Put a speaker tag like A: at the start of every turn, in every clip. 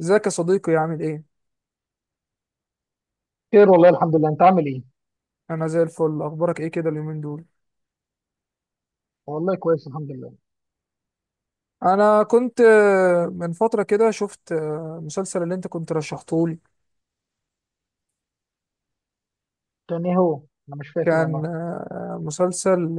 A: ازيك يا صديقي؟ عامل ايه؟
B: خير والله، الحمد لله. انت عامل ايه؟
A: انا زي الفل. اخبارك ايه كده اليومين دول؟
B: والله كويس، الحمد لله.
A: انا كنت من فتره كده شفت مسلسل اللي انت كنت رشحتهولي.
B: كان ايه هو؟ انا مش فاكر والله.
A: كان مسلسل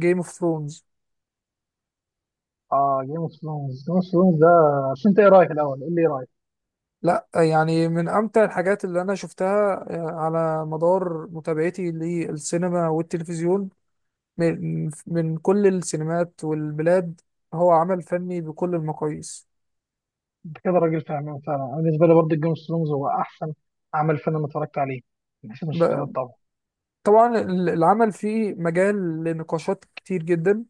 A: جيم اوف ثرونز.
B: اه جيم اوف ثرونز. جيم اوف ثرونز ده عشان انت ايه رايك؟ الاول قول لي ايه رايك.
A: لا يعني من امتع الحاجات اللي انا شفتها على مدار متابعتي للسينما والتلفزيون. من كل السينمات والبلاد. هو عمل فني بكل المقاييس.
B: انت كده راجل فاهمان فعلا. انا بالنسبه لي برضه جيم اوف ثرونز هو احسن عمل فيلم اتفرجت عليه، من حيث المسلسلات
A: ب-
B: طبعا.
A: طبعا العمل فيه مجال لنقاشات كتير جدا.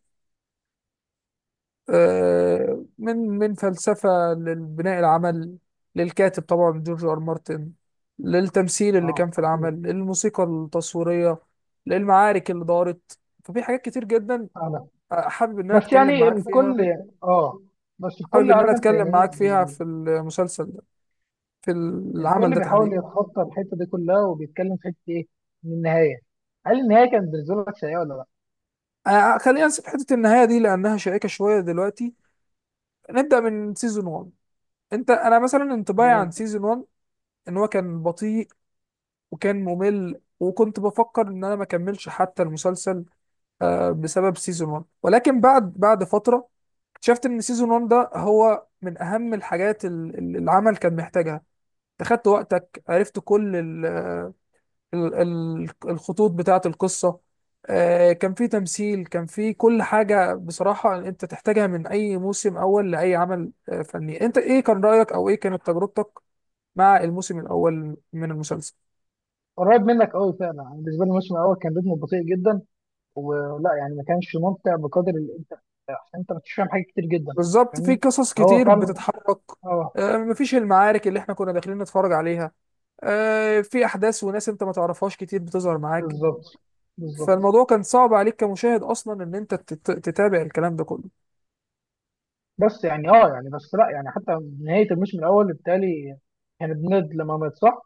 A: من فلسفة لبناء العمل، للكاتب طبعا جورج آر مارتن، للتمثيل اللي
B: اه،
A: كان في
B: خطير.
A: العمل، للموسيقى التصويرية، للمعارك اللي دارت. ففي حاجات كتير جدا
B: انا
A: حابب ان انا
B: بس
A: اتكلم
B: يعني
A: معاك فيها.
B: الكل. اه. بس
A: حابب
B: الكل
A: ان انا
B: عارف انت
A: اتكلم
B: يعني ايه.
A: معاك فيها في المسلسل ده، في العمل
B: الكل
A: ده
B: بيحاول
A: تحديدا.
B: يتخطى الحته دي كلها وبيتكلم في حته ايه؟ من النهايه. هل النهايه كانت بالنسبه لك سيئه ولا لا؟
A: خلينا نسيب حتة النهاية دي لانها شائكة شوية دلوقتي. نبدأ من سيزون 1. انت انا مثلا انطباعي
B: جميل.
A: عن سيزون 1 ان هو كان بطيء وكان ممل، وكنت بفكر ان انا ما اكملش حتى المسلسل بسبب سيزون 1. ولكن بعد فتره اكتشفت ان سيزون 1 ده هو من اهم الحاجات العمل كان محتاجها. أنت خدت وقتك، عرفت كل الخطوط بتاعه القصه. كان في تمثيل، كان في كل حاجه بصراحه انت تحتاجها من اي موسم اول لاي عمل فني. انت ايه كان رايك او ايه كانت تجربتك مع الموسم الاول من المسلسل؟
B: قريب منك قوي فعلا. أنا بالنسبه لي الموسم الاول كان رتمه بطيء جدا، ولا يعني ما كانش ممتع بقدر اللي انت. عشان انت ما كنتش فاهم حاجات كتير جدا.
A: بالظبط، في
B: فاهمني.
A: قصص
B: هو
A: كتير
B: فعلا.
A: بتتحرك.
B: اه.
A: مفيش المعارك اللي احنا كنا داخلين نتفرج عليها. في احداث وناس انت ما تعرفهاش كتير بتظهر معاك.
B: بالظبط بالظبط.
A: فالموضوع كان صعب عليك كمشاهد اصلا ان انت تتابع الكلام ده كله.
B: بس يعني اه يعني بس لا يعني حتى نهايه الموسم الاول بالتالي كان بند لما مات، صح؟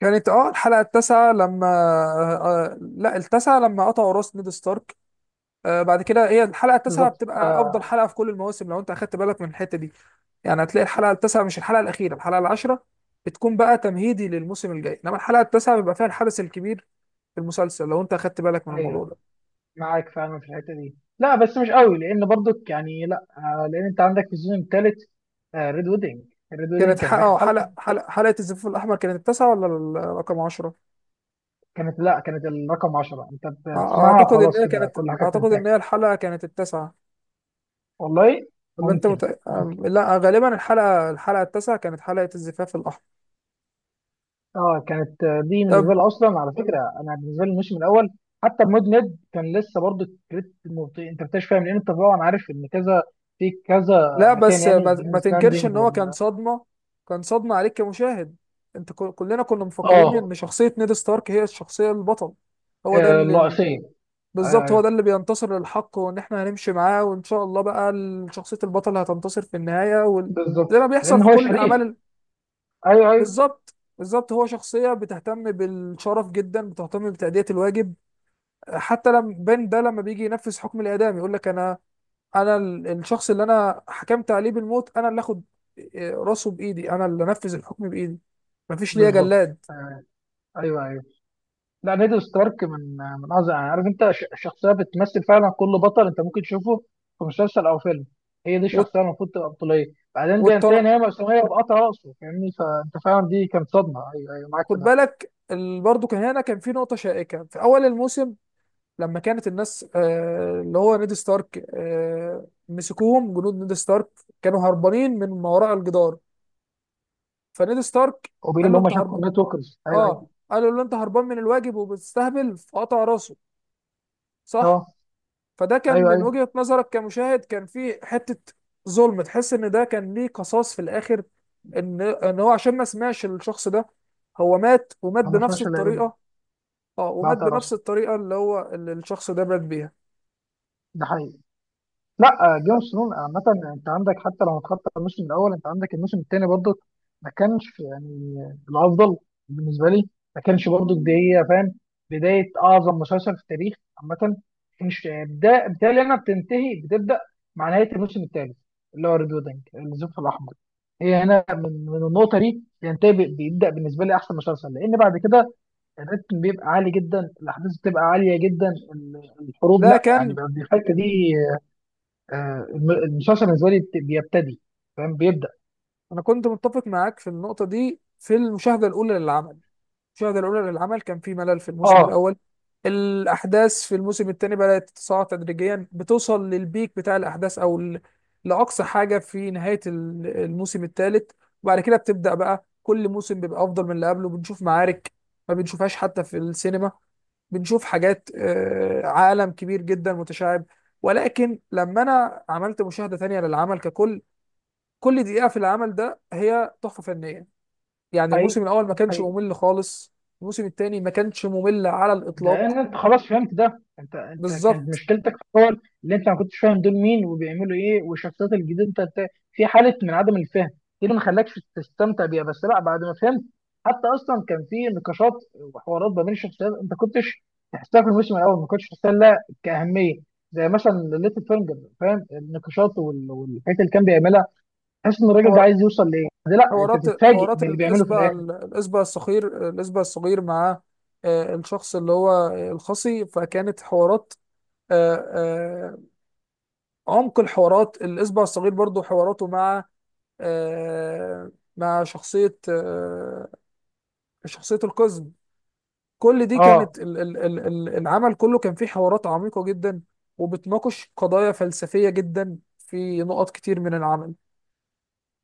A: كانت اه الحلقه التاسعه لما آه آه، لا التاسعه لما قطعوا راس نيد ستارك. آه بعد كده هي الحلقه التاسعه
B: بالظبط.
A: بتبقى افضل
B: آه.
A: حلقه في كل المواسم لو انت اخدت بالك من الحته دي. يعني هتلاقي الحلقه التاسعه، مش الحلقه الاخيره الحلقه العاشره، بتكون بقى تمهيدي للموسم الجاي. انما الحلقه التاسعه بيبقى فيها الحدث الكبير في المسلسل، لو انت اخدت بالك من الموضوع
B: ايوه،
A: ده.
B: معاك فعلا في الحته دي. لا بس مش قوي، لان برضك يعني لا لان انت عندك في السيزون الثالث ريد ويدنج. ريد
A: كانت
B: ويدنج كان في آخر حلقه.
A: حلقة الزفاف الاحمر كانت التاسعه ولا رقم 10؟
B: كانت، لا، كانت الرقم 10. انت بتسمعها
A: اعتقد ان
B: وخلاص
A: هي
B: كده
A: كانت،
B: كل حاجه
A: اعتقد ان
B: بتنتهي.
A: هي الحلقه كانت التاسعه.
B: والله.
A: ولا انت
B: ممكن.
A: مت...
B: ممكن.
A: أم- لا غالبا الحلقه التاسعه كانت حلقه الزفاف الاحمر.
B: اه كانت. دي
A: طب
B: بالنسبه لي اصلا، على فكره، انا بالنسبه لي الموسم الاول حتى المود ميد كان لسه برضه الكريت مبطيء. انت بتكتشف، فاهم، لان انت طبعا عارف ان كذا في كذا
A: لا
B: مكان،
A: بس
B: يعني
A: ما
B: جيمز
A: تنكرش
B: لاندنج
A: ان هو كان
B: وال.
A: صدمه. كان صدمه عليك كمشاهد. انت كلنا كنا مفكرين
B: اه.
A: ان شخصيه نيد ستارك هي الشخصيه البطل، هو ده اللي.
B: الرئيسيه. ايوه
A: بالظبط، هو
B: ايوه،
A: ده اللي بينتصر للحق، وان احنا هنمشي معاه وان شاء الله بقى شخصية البطل هتنتصر في النهاية وال... زي ما
B: بالظبط،
A: بيحصل
B: لان
A: في
B: هو
A: كل الاعمال
B: شريف. ايوه ايوه،
A: بالظبط بالظبط، هو شخصية بتهتم بالشرف جدا، بتهتم بتأدية الواجب. حتى لما بين ده لما بيجي ينفذ حكم الإعدام يقول لك انا، انا الشخص اللي انا حكمت عليه بالموت انا اللي اخد راسه بايدي، انا اللي انفذ الحكم بايدي، مفيش ليا
B: بالظبط.
A: جلاد.
B: آه. ايوه ايوه. لا، نيد ستارك من اعظم يعني عارف انت شخصيه بتمثل فعلا كل بطل انت ممكن تشوفه في مسلسل او فيلم. هي دي
A: والت...
B: الشخصيه المفروض تبقى بطوليه، بعدين بينتهي
A: والتن...
B: ان هي مأساوية بقطع راسه. فاهمني، فانت فعلا دي كانت صدمه. ايوه ايوه، معاك
A: خد
B: في ده.
A: بالك برضه كان هنا كان في نقطة شائكة في أول الموسم. لما كانت الناس اللي هو نيد ستارك مسكوهم جنود نيد ستارك، كانوا هربانين من ما وراء الجدار. فنيد ستارك قال
B: وبيقولوا ان
A: له
B: هم
A: انت
B: شافوا
A: هرب،
B: النت وركرز. ايوه ايوه.
A: اه قالوا له انت هربان من الواجب وبتستهبل، فقطع راسه. صح.
B: اه.
A: فده كان
B: ايوه
A: من
B: ايوه.
A: وجهة نظرك كمشاهد كان فيه حتة ظلم، تحس ان ده كان ليه قصاص في الاخر. ان ان هو عشان ما سمعش الشخص ده، هو مات ومات
B: انا ما
A: بنفس
B: سمعتش الا يقول
A: الطريقة. اه ومات
B: بقطع
A: بنفس
B: راسه.
A: الطريقة اللي هو اللي الشخص ده مات بيها.
B: ده حقيقي. لا، جيم اوف ثرونز عامة، انت عندك حتى لو هتخطط الموسم الاول، انت عندك الموسم الثاني برضه ما كانش يعني الافضل بالنسبة لي. ما كانش برضه بداية، فاهم، بداية اعظم مسلسل في التاريخ عامة. مش بدا بالتالي انا، بتنتهي، بتبدا مع نهاية الموسم الثالث اللي هو ريد ويدنج، الزفت الاحمر. هي هنا من النقطة دي ينتهي، بيبدا بالنسبة لي احسن مسلسل. لان بعد كده الريتم بيبقى عالي جدا، الاحداث بتبقى عالية جدا، ال- الحروب،
A: ده
B: لا يعني
A: كان.
B: بقى الحتة دي الم- المسلسل بالنسبه لي بيبتدي، فاهم، بيبدا.
A: انا كنت متفق معاك في النقطه دي في المشاهده الاولى للعمل. المشاهده الاولى للعمل كان في ملل في الموسم
B: اه،
A: الاول. الاحداث في الموسم الثاني بدات تتصاعد تدريجيا، بتوصل للبيك بتاع الاحداث او لاقصى حاجه في نهايه الموسم الثالث. وبعد كده بتبدا بقى كل موسم بيبقى افضل من اللي قبله. بنشوف معارك ما بنشوفهاش حتى في السينما، بنشوف حاجات عالم كبير جدا متشعب. ولكن لما انا عملت مشاهده تانية للعمل ككل، كل دقيقة في العمل ده هي تحفة فنية. يعني
B: حقيقي
A: الموسم الأول ما كانش
B: حقيقي.
A: ممل خالص، الموسم الثاني ما كانش ممل على الإطلاق.
B: لان انت خلاص فهمت ده. انت كانت
A: بالظبط.
B: مشكلتك في الاول اللي انت ما كنتش فاهم دول مين وبيعملوا ايه، والشخصيات الجديده، أنت في حاله من عدم الفهم دي اللي ما خلاكش تستمتع بيها. بس لا، بعد ما فهمت، حتى اصلا كان في نقاشات وحوارات ما بين الشخصيات انت كنتش تحسها. في الموسم الاول ما كنتش تحسها لها كاهميه. زي مثلا ليتل فينجر، فاهم، النقاشات والحاجات اللي كان بيعملها، تحس ان الراجل ده
A: حوار-
B: عايز يوصل لايه. ده لا انت بتتفاجئ
A: حوارات
B: باللي بيعمله في
A: الإسبة،
B: الاخر.
A: الإسبة الصغير مع الشخص اللي هو الخصي، فكانت حوارات آه، آه، عمق. الحوارات الإسبة الصغير برضو حواراته مع آه، مع شخصية شخصية القزم. كل دي
B: اه،
A: كانت العمل كله كان فيه حوارات عميقة جدا، وبتناقش قضايا فلسفية جدا في نقط كتير من العمل.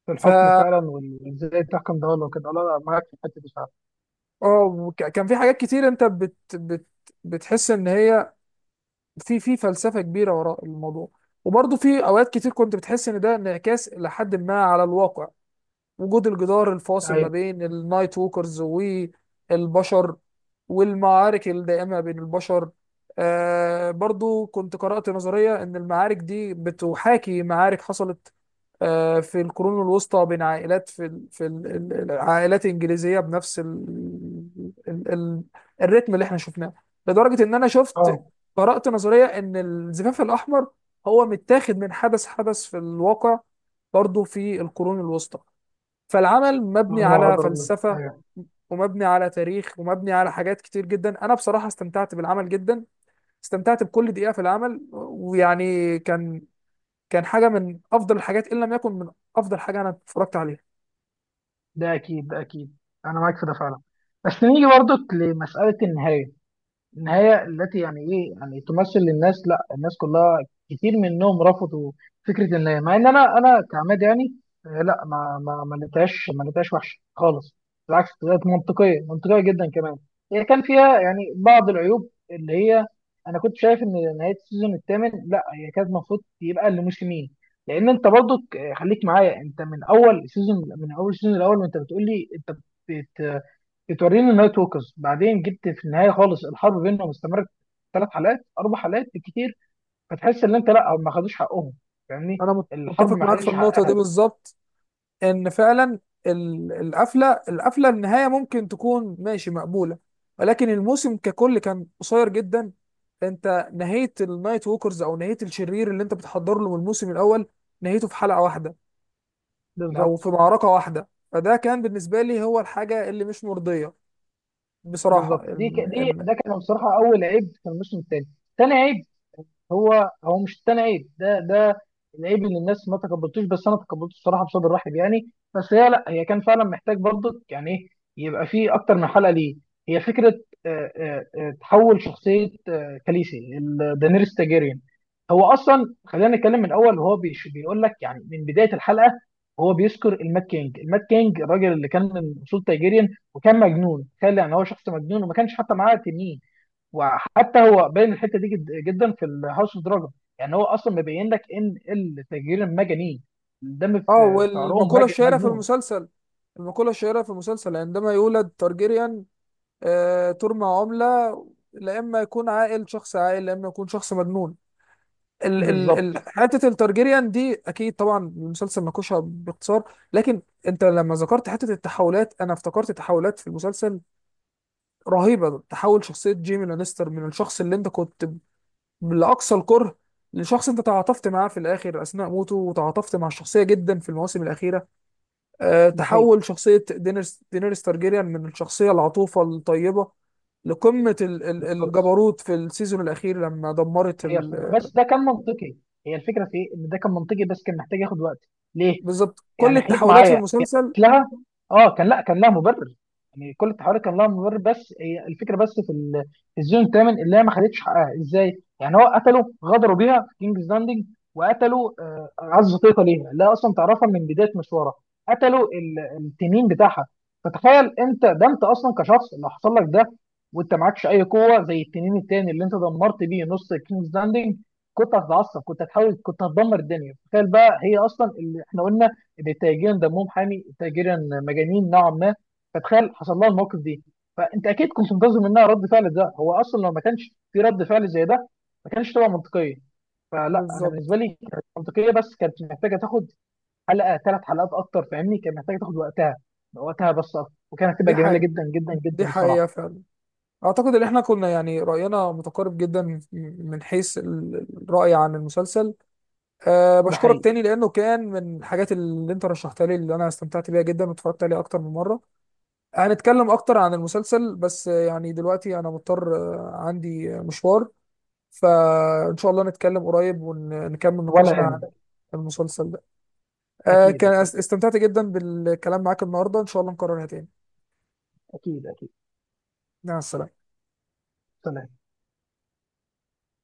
B: في
A: ف
B: الحكم فعلا وازاي تحكم ده ولا كده. لا لا، معاك في الحته دي فعلا.
A: اه كان في حاجات كتير انت بتحس ان هي في في فلسفة كبيرة وراء الموضوع. وبرضه في اوقات كتير كنت بتحس ان ده انعكاس لحد ما على الواقع. وجود الجدار الفاصل ما
B: ايوه.
A: بين النايت ووكرز والبشر، والمعارك الدائمة بين البشر. آه برضو كنت قرأت نظرية إن المعارك دي بتحاكي معارك حصلت آه في القرون الوسطى بين عائلات في العائلات الإنجليزية بنفس ال ال ال الريتم اللي احنا شفناه. لدرجة إن أنا شفت،
B: اه.
A: قرأت نظرية إن الزفاف الأحمر هو متاخد من حدث في الواقع برضو في القرون الوسطى. فالعمل مبني
B: هم
A: على
B: غدروا بيه،
A: فلسفة،
B: ايوه.
A: ومبني على تاريخ، ومبني على حاجات كتير جدا. انا بصراحة استمتعت بالعمل جدا، استمتعت بكل دقيقة في العمل. ويعني كان كان حاجة من افضل الحاجات ان لم يكن من افضل حاجة انا اتفرجت عليها.
B: ده اكيد، ده اكيد. انا معاك في ده فعلا. بس نيجي برضك لمساله النهايه. النهاية التي يعني إيه؟ يعني تمثل للناس، لا الناس كلها، كتير منهم رفضوا فكرة النهاية. مع إن أنا أنا كعماد، يعني، لا، ما لقيتهاش، ما لقيتهاش وحشة خالص. بالعكس، طلعت منطقية، منطقية جدا كمان. هي كان فيها يعني بعض العيوب اللي هي، أنا كنت شايف إن نهاية السيزون الثامن لا هي كانت المفروض يبقى لموسمين. لأن أنت برضو خليك معايا. أنت من أول سيزون، من أول السيزون الأول، وأنت بتقول لي، أنت بتوريني النايت ووكرز، بعدين جبت في النهايه خالص الحرب بينهم استمرت ثلاث حلقات، اربع حلقات بالكتير، فتحس ان انت لا ما خدوش حقهم، فاهمني.
A: انا
B: الحرب
A: متفق
B: ما
A: معاك في
B: خدتش
A: النقطة دي
B: حقها.
A: بالظبط. ان فعلا القفله النهايه ممكن تكون ماشي مقبوله، ولكن الموسم ككل كان قصير جدا. انت نهيت النايت ووكرز، او نهيت الشرير اللي انت بتحضر له من الموسم الاول، نهيته في حلقه واحده او في
B: بالظبط.
A: معركه واحده. فده كان بالنسبه لي هو الحاجه اللي مش مرضيه بصراحه.
B: بالظبط. دي ده كان بصراحه اول عيب في الموسم الثاني. ثاني عيب، هو، هو مش التاني عيب، ده العيب اللي الناس ما تقبلتوش، بس انا تقبلته الصراحه بصدر رحب يعني. بس هي، لا هي كان فعلا محتاج برضك يعني ايه، يبقى فيه اكتر من حلقه. ليه؟ هي فكره تحول شخصيه كاليسي ال- دانيريس تاجيريان. هو اصلا خلينا نتكلم من الاول. هو بيقول لك يعني من بدايه الحلقه، هو بيذكر المات كينج، المات كينج الراجل اللي كان من اصول تاجيريان وكان مجنون. تخيل يعني هو شخص مجنون وما كانش حتى معاه تنين. وحتى هو باين الحته دي جد جدا في الهاوس اوف دراجون. يعني هو اصلا مبين لك ان التجرير مجانين، الدم
A: اه
B: في في عروقهم
A: والمقوله الشهيره في
B: مجنون.
A: المسلسل، المقولة الشهيرة في المسلسل، عندما يولد تارجيريان ترمى عملة، لا إما يكون عاقل شخص عاقل، لا إما يكون شخص مجنون. ال ال ال
B: بالظبط.
A: حته التارجيريان دي اكيد طبعا المسلسل ناقشها باختصار. لكن انت لما ذكرت حته التحولات انا افتكرت تحولات في المسلسل رهيبه. تحول شخصيه جيمي لانستر من الشخص اللي انت كنت لاقصى الكره، لشخص انت تعاطفت معاه في الاخر اثناء موته، وتعاطفت مع الشخصيه جدا في المواسم الاخيره. أه
B: ده حقيقي.
A: تحول شخصيه دينيرس، دينيرس تارجيريان، من الشخصيه العطوفه الطيبه لقمه
B: بالظبط.
A: الجبروت في السيزون الاخير لما دمرت
B: هي الفكره
A: ال...
B: بس ده كان منطقي. هي الفكره في إيه؟ ان ده كان منطقي بس كان محتاج ياخد وقت. ليه؟
A: بالظبط كل
B: يعني خليك
A: التحولات في
B: معايا.
A: المسلسل.
B: اتلغى. اه كان، لا كان لها مبرر. يعني كل التحولات كان لها مبرر، بس هي الفكره بس في ال- في الزون الثامن اللي هي ما خدتش حقها. ازاي؟ يعني هو قتلوا، غدروا بيها في كينجز لاندنج، وقتلوا اعز طيقه ليها اللي هي اصلا تعرفها من بدايه مشوارها، قتلوا ال- التنين بتاعها. فتخيل انت ده، انت اصلا كشخص اللي حصل لك ده، وانت معكش اي قوه زي التنين التاني اللي انت دمرت بيه نص كينجز لاندنج. كنت هتتعصب، كنت هتحاول، كنت هتدمر الدنيا. تخيل بقى هي اصلا اللي احنا قلنا للتاجرين دمهم حامي، تاجرين مجانين نوعا ما، فتخيل حصل لها الموقف دي. فانت اكيد كنت منتظر منها رد فعل. ده هو اصلا لو ما كانش في رد فعل زي ده ما كانش تبقى منطقيه. فلا، انا
A: بالظبط.
B: بالنسبه لي كانت منطقيه، بس كانت محتاجه تاخد حلقه، ثلاث حلقات اكتر، فاهمني، كانت محتاجه تاخد وقتها، وقتها بس اكتر، وكانت هتبقى
A: دي
B: جميله
A: حقيقة،
B: جدا جدا جدا
A: دي حقيقة
B: الصراحه.
A: فعلا. أعتقد إن إحنا كنا يعني رأينا متقارب جدا من من حيث الرأي عن المسلسل. أه
B: ده
A: بشكرك
B: حقيقي.
A: تاني لأنه كان من الحاجات اللي أنت رشحتها لي اللي أنا استمتعت بيها جدا واتفرجت عليها أكتر من مرة. هنتكلم أكتر عن المسلسل، بس يعني دلوقتي أنا مضطر، عندي مشوار. فإن شاء الله نتكلم قريب ونكمل
B: ولا
A: نقاشنا عن
B: يهمك.
A: المسلسل ده. أه
B: اكيد
A: كان
B: اكيد.
A: استمتعت جدا بالكلام معاك النهاردة، إن شاء الله نكررها تاني.
B: اكيد اكيد.
A: مع السلامة.
B: سلام.